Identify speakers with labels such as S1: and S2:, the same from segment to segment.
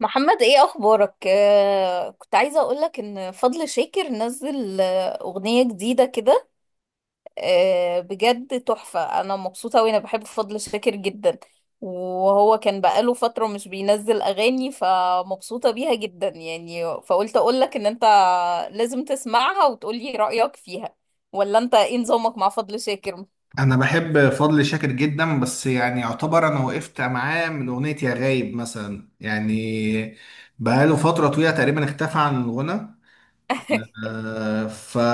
S1: محمد ايه اخبارك؟ كنت عايزه اقولك ان فضل شاكر نزل اغنيه جديده كده. آه بجد تحفه، انا مبسوطه وانا بحب فضل شاكر جدا. وهو كان بقاله فتره مش بينزل اغاني فمبسوطه بيها جدا، يعني فقلت اقولك ان انت لازم تسمعها وتقولي رايك فيها. ولا انت ايه نظامك مع فضل شاكر؟
S2: انا بحب فضل شاكر جدا، بس يعني يعتبر انا وقفت معاه من اغنيه يا غايب مثلا. يعني بقاله فتره طويله تقريبا اختفى عن الغنى.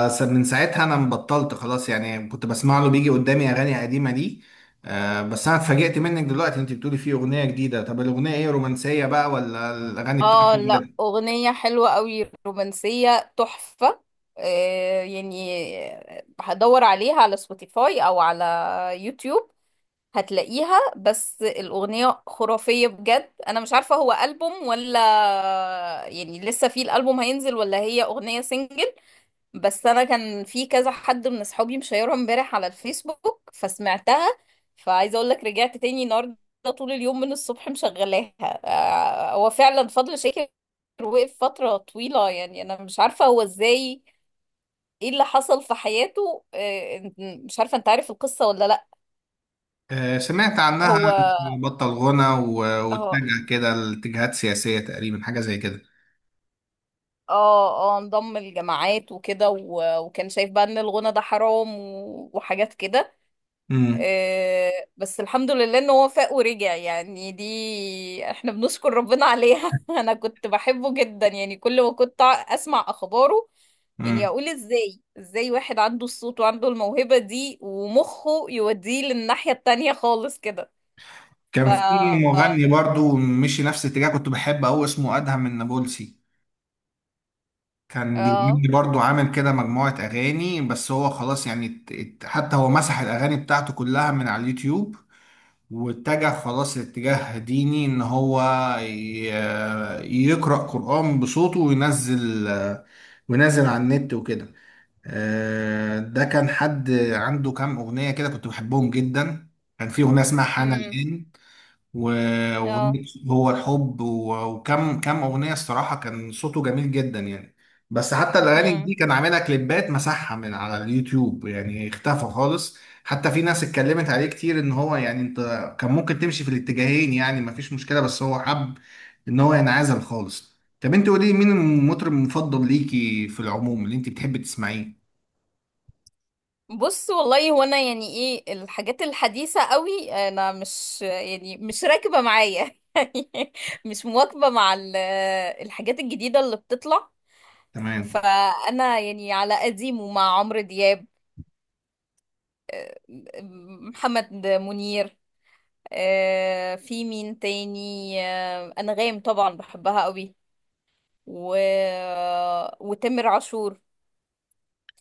S2: فمن ساعتها انا مبطلت خلاص، يعني كنت بسمع له بيجي قدامي اغاني قديمه دي. بس انا اتفاجئت منك دلوقتي انت بتقولي فيه اغنيه جديده. طب الاغنيه ايه، رومانسيه بقى ولا الاغاني
S1: اه
S2: بتاعته؟
S1: لا، اغنية حلوة قوي، رومانسية تحفة. آه يعني هدور عليها على سبوتيفاي او على يوتيوب، هتلاقيها. بس الاغنية خرافية بجد. انا مش عارفة هو ألبوم ولا يعني لسه في الألبوم هينزل، ولا هي اغنية سنجل. بس انا كان في كذا حد من اصحابي مشيرها امبارح على الفيسبوك فسمعتها، فعايزه اقول لك رجعت تاني النهارده طول اليوم من الصبح مشغلاها. آه، هو فعلا فضل شاكر وقف فتره طويله. يعني انا مش عارفه هو ازاي، ايه اللي حصل في حياته. آه، مش عارفه انت عارف القصه ولا لا.
S2: سمعت عنها
S1: هو
S2: إنه بطل غنى
S1: هو
S2: واتجه كده لاتجاهات سياسيه تقريبا، حاجه زي كده.
S1: اه اه انضم الجماعات وكده وكان شايف بقى ان الغنى ده حرام وحاجات كده. آه، بس الحمد لله ان هو فاق ورجع، يعني دي احنا بنشكر ربنا عليها. انا كنت بحبه جدا، يعني كل ما كنت اسمع اخباره يعني
S2: امم
S1: اقول ازاي، ازاي واحد عنده الصوت وعنده الموهبة دي ومخه يوديه للناحية التانية خالص كده. ف
S2: كان في مغني برضو مشي نفس الاتجاه، كنت بحبه أوي، اسمه أدهم النابلسي. كان
S1: اه
S2: بيغني برضو، عامل كده مجموعة أغاني، بس هو خلاص يعني حتى هو مسح الأغاني بتاعته كلها من على اليوتيوب. واتجه خلاص لاتجاه ديني، إن هو ي- يقرأ قرآن بصوته وينزل وينزل على النت وكده. ده كان حد عنده كام أغنية كده كنت بحبهم جدا. كان في أغنية اسمها حان
S1: امم
S2: الآن، وأغنية هو الحب، وكم أغنية. الصراحة كان صوته جميل جدا يعني. بس حتى الأغاني
S1: اه
S2: دي كان عاملها كليبات، مسحها من على اليوتيوب، يعني اختفى خالص. حتى في ناس اتكلمت عليه كتير، إن هو يعني أنت كان ممكن تمشي في الاتجاهين، يعني مفيش مشكلة، بس هو حب إن هو ينعزل خالص. طب أنت قولي مين المطرب المفضل ليكي في العموم اللي أنت بتحبي تسمعيه؟
S1: بص، والله هو انا يعني ايه الحاجات الحديثة قوي انا مش يعني مش راكبة معايا. يعني مش مواكبة مع الحاجات الجديدة اللي بتطلع.
S2: تمام.
S1: فانا يعني على قديمه، مع عمرو دياب، محمد منير، آه، في مين تاني، آه، انغام طبعا بحبها قوي، و... وتامر عاشور،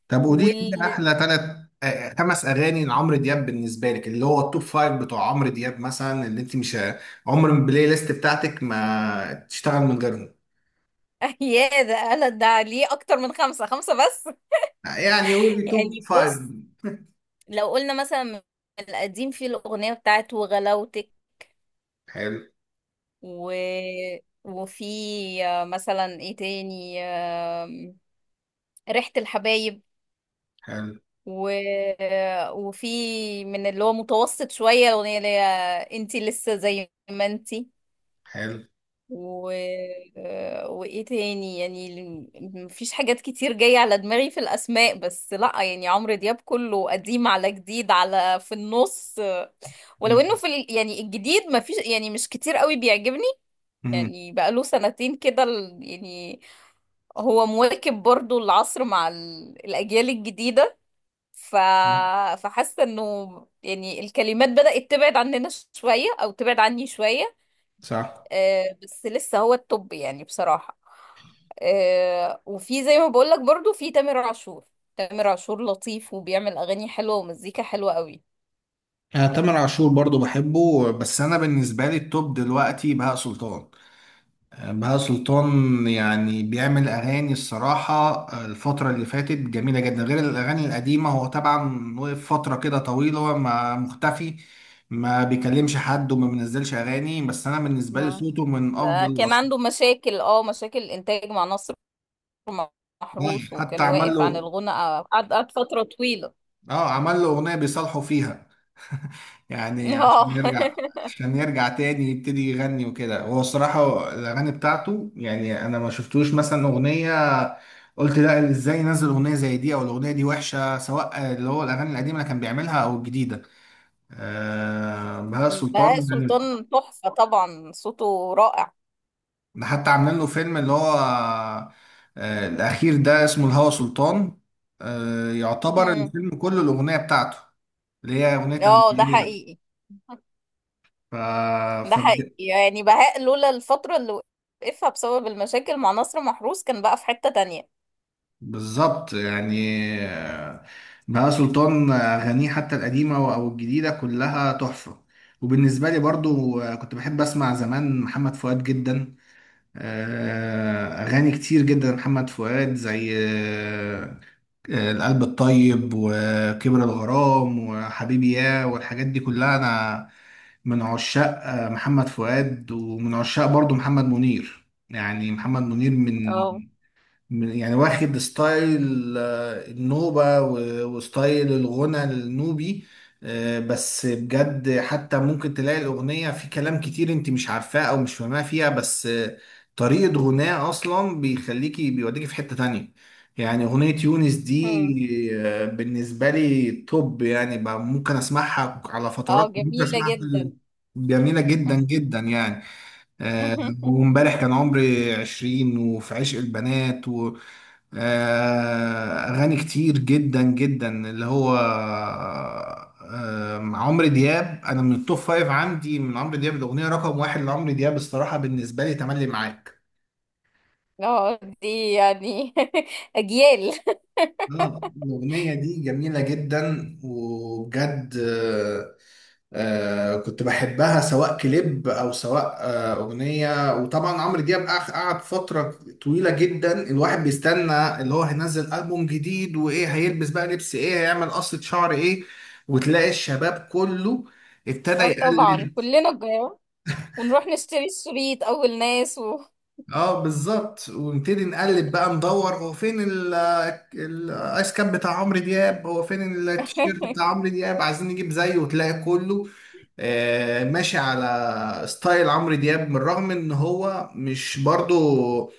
S2: طب قولي لي
S1: وال
S2: كده احلى 5 اغاني لعمرو دياب بالنسبه لك، اللي هو التوب فايف بتوع عمرو دياب، مثلا اللي انت مش عمر ما البلاي ليست بتاعتك ما تشتغل من غيرهم.
S1: يا ده انا ده ليه اكتر من خمسة؟ خمسة بس.
S2: يعني قولي توب
S1: يعني
S2: فايف.
S1: بص، لو قلنا مثلا من القديم في الأغنية بتاعت وغلاوتك،
S2: حلو.
S1: و... وفي مثلا ايه تاني آم، ريحة الحبايب،
S2: حلو.
S1: و... وفي من اللي هو متوسط شوية الأغنية اللي هي انتي لسه زي ما انتي،
S2: حلو.
S1: و... وايه تاني يعني. مفيش حاجات كتير جاية على دماغي في الأسماء، بس لأ يعني عمرو دياب كله قديم على جديد على في النص. ولو
S2: مم.
S1: انه في يعني الجديد، ما فيش يعني مش كتير قوي بيعجبني. يعني بقاله سنتين كده يعني هو مواكب برضو العصر مع الاجيال الجديدة. ف...
S2: مم.
S1: فحاسة انه يعني الكلمات بدأت تبعد عننا شوية او تبعد عني شوية.
S2: صح.
S1: آه بس لسه هو التوب يعني بصراحة. آه وفي زي ما بقولك برضو في تامر عاشور، تامر عاشور لطيف وبيعمل اغاني حلوة ومزيكا حلوة قوي.
S2: انا تامر عاشور برضو بحبه، بس انا بالنسبه لي التوب دلوقتي بهاء سلطان. بهاء سلطان يعني بيعمل أغاني، الصراحة الفترة اللي فاتت جميلة جدا غير الأغاني القديمة. هو طبعا وقف فترة كده طويلة، هو ما مختفي، ما بيكلمش حد وما بينزلش أغاني، بس أنا بالنسبة لي
S1: ما
S2: صوته من أفضل
S1: ما كان
S2: الأصوات.
S1: عنده مشاكل، اه مشاكل انتاج مع نصر
S2: يعني
S1: محروس،
S2: حتى
S1: وكان
S2: عمل
S1: واقف عن
S2: له،
S1: الغنى. قعد فترة طويلة.
S2: اه عمل له اغنيه بيصالحوا فيها يعني عشان
S1: اه.
S2: يرجع، عشان يرجع تاني يبتدي يغني وكده. هو الصراحه الاغاني بتاعته، يعني انا ما شفتوش مثلا اغنيه قلت لا، ازاي نزل اغنيه زي دي، او الاغنيه دي وحشه، سواء اللي هو الاغاني القديمه اللي كان بيعملها او الجديده. آه بهاء
S1: بهاء
S2: سلطان ده
S1: سلطان تحفة طبعا، صوته رائع.
S2: حتى عاملين له فيلم اللي هو الاخير ده اسمه الهوى سلطان. يعتبر
S1: مم.
S2: الفيلم كله الاغنيه بتاعته اللي هي اغنيه انا.
S1: اه ده حقيقي.
S2: ف...
S1: ده
S2: ف...
S1: حقيقي يعني، بهاء لولا الفترة اللي وقفها بسبب المشاكل مع نصر محروس كان بقى في حتة تانية.
S2: بالظبط يعني. آه، بهاء سلطان، أغانيه حتى القديمة أو الجديدة كلها تحفة. وبالنسبة لي برضو كنت بحب أسمع زمان محمد فؤاد جدا. أغاني كتير جدا محمد فؤاد، زي القلب الطيب وكبر الغرام وحبيبي يا والحاجات دي كلها. أنا من عشاق محمد فؤاد، ومن عشاق برضو محمد منير. يعني محمد منير من،
S1: اه.
S2: يعني واخد ستايل النوبة وستايل الغنى النوبي. بس بجد حتى ممكن تلاقي الأغنية في كلام كتير انت مش عارفاه أو مش فاهماه فيها، بس طريقة غناه أصلا بيخليكي بيوديكي في حتة تانية. يعني أغنية يونس
S1: مم.
S2: دي بالنسبة لي توب، يعني بقى ممكن أسمعها على
S1: اه
S2: فترات، ممكن
S1: جميلة
S2: أسمعها
S1: جدا.
S2: جميلة جدا جدا يعني. آه، وامبارح كان عمري 20 وفي عشق البنات. اغاني كتير جدا جدا اللي هو، عمرو دياب، انا من التوب فايف عندي من عمرو دياب. الاغنيه رقم واحد لعمرو دياب الصراحه بالنسبه لي تملي معاك.
S1: اه دي يعني اجيال.
S2: الأغنية دي جميلة جدا وبجد. كنت بحبها سواء كليب أو سواء أغنية. وطبعا عمرو دياب قعد فترة طويلة جدا، الواحد بيستنى اللي هو هينزل ألبوم جديد، وإيه هيلبس بقى، لبس إيه، هيعمل قصة شعر إيه. وتلاقي الشباب كله ابتدى
S1: اه طبعا
S2: يقلد.
S1: كلنا الجيران، ونروح نشتري الشريط اول ناس، و
S2: اه بالظبط، ونبتدي نقلب بقى ندور هو فين الايس كاب بتاع عمرو دياب، هو فين التيشيرت بتاع عمرو دياب، عايزين نجيب زيه. وتلاقي كله ماشي على ستايل عمرو دياب، من الرغم ان هو مش برضو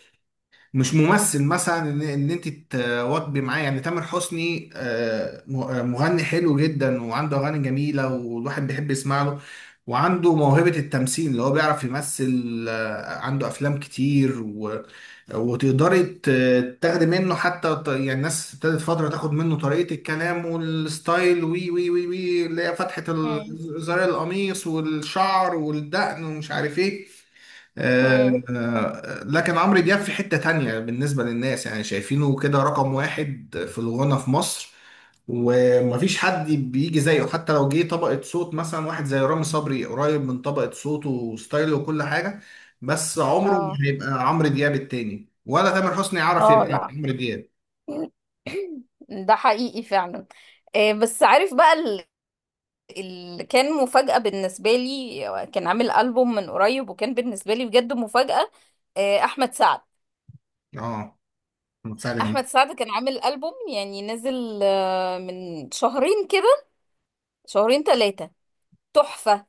S2: مش ممثل مثلا. إن انت تواكبي معاه. يعني تامر حسني مغني حلو جدا وعنده اغاني جميلة، والواحد بيحب يسمع له، وعنده موهبة التمثيل اللي هو بيعرف يمثل. عنده أفلام كتير، وتقدري تاخدي منه حتى يعني الناس ابتدت فترة تاخد منه طريقة الكلام والستايل، وي وي وي وي، اللي هي فتحة
S1: مم.
S2: زرار القميص والشعر والدقن ومش عارف ايه.
S1: مم.
S2: آه، لكن عمرو دياب في حتة تانية بالنسبة للناس، يعني شايفينه كده رقم واحد في الغنى في مصر. ومفيش حد بيجي زيه، حتى لو جه طبقة صوت مثلا واحد زي رامي صبري، قريب من طبقة صوته وستايله وكل حاجة، بس عمره ما
S1: اه
S2: هيبقى عمرو دياب التاني، ولا تامر حسني يعرف
S1: اه
S2: يبقى
S1: لا.
S2: عمرو دياب.
S1: ده حقيقي فعلا. آه، بس عارف بقى اللي كان مفاجأة بالنسبة لي كان عامل ألبوم من قريب، وكان بالنسبة لي بجد مفاجأة. آه، أحمد سعد.
S2: اه سعد جمال.
S1: أحمد سعد كان عامل ألبوم يعني نزل آه، من شهرين كده، شهرين ثلاثة، تحفة.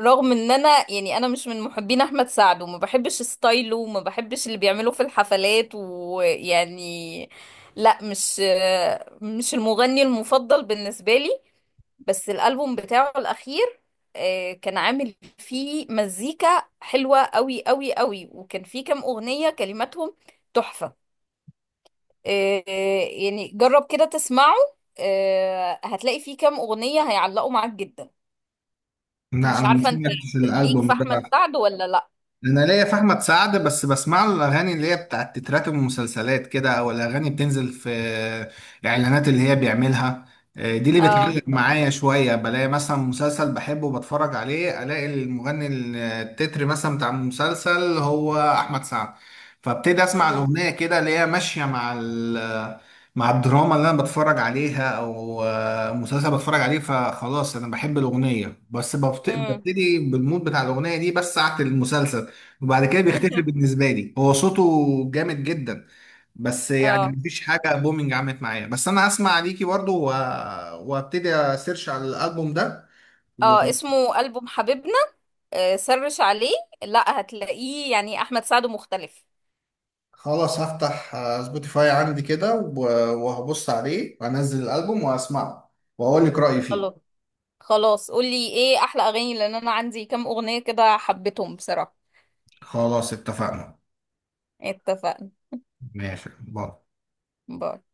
S1: رغم ان انا يعني انا مش من محبين احمد سعد وما بحبش ستايله وما بحبش اللي بيعمله في الحفلات ويعني لا، مش مش المغني المفضل بالنسبة لي. بس الالبوم بتاعه الاخير آه، كان عامل فيه مزيكا حلوة قوي قوي قوي، وكان فيه كام اغنية كلماتهم تحفة. آه، آه، يعني جرب كده تسمعه، آه، هتلاقي فيه كام اغنية هيعلقوا معاك جدا.
S2: لا
S1: مش
S2: انا ما
S1: عارفة انت
S2: سمعتش
S1: ليك في
S2: الالبوم ده.
S1: احمد سعد ولا لا.
S2: انا ليا في احمد سعد، بس بسمع له الاغاني اللي هي بتاعت تترات المسلسلات كده، او الاغاني بتنزل في الاعلانات اللي هي بيعملها. دي اللي بتعلق
S1: اه
S2: معايا شويه. بلاقي مثلا مسلسل بحبه وبتفرج عليه، الاقي المغني التتر مثلا بتاع المسلسل هو احمد سعد، فابتدي اسمع
S1: امم
S2: الاغنيه كده اللي هي ماشيه مع مع الدراما اللي انا بتفرج عليها، او مسلسل بتفرج عليه، فخلاص انا بحب الاغنيه، بس
S1: امم.
S2: ببتدي بالمود بتاع الاغنيه دي بس ساعه المسلسل، وبعد كده بيختفي بالنسبه لي. هو صوته جامد جدا، بس يعني
S1: اه
S2: مفيش حاجه بومينج عملت معايا. بس انا اسمع عليكي برضو وابتدي اسيرش على الالبوم ده.
S1: اه اسمه ألبوم حبيبنا. آه، سرش عليه، لا هتلاقيه يعني احمد سعد مختلف.
S2: وخلاص هفتح سبوتيفاي عندي كده وهبص عليه وانزل الالبوم واسمعه واقول لك رايي فيه.
S1: خلاص. خلاص، قولي ايه احلى اغاني، لان انا عندي كام اغنية كده حبيتهم بصراحة.
S2: خلاص اتفقنا.
S1: اتفقنا.
S2: ماشي، باي.
S1: باي.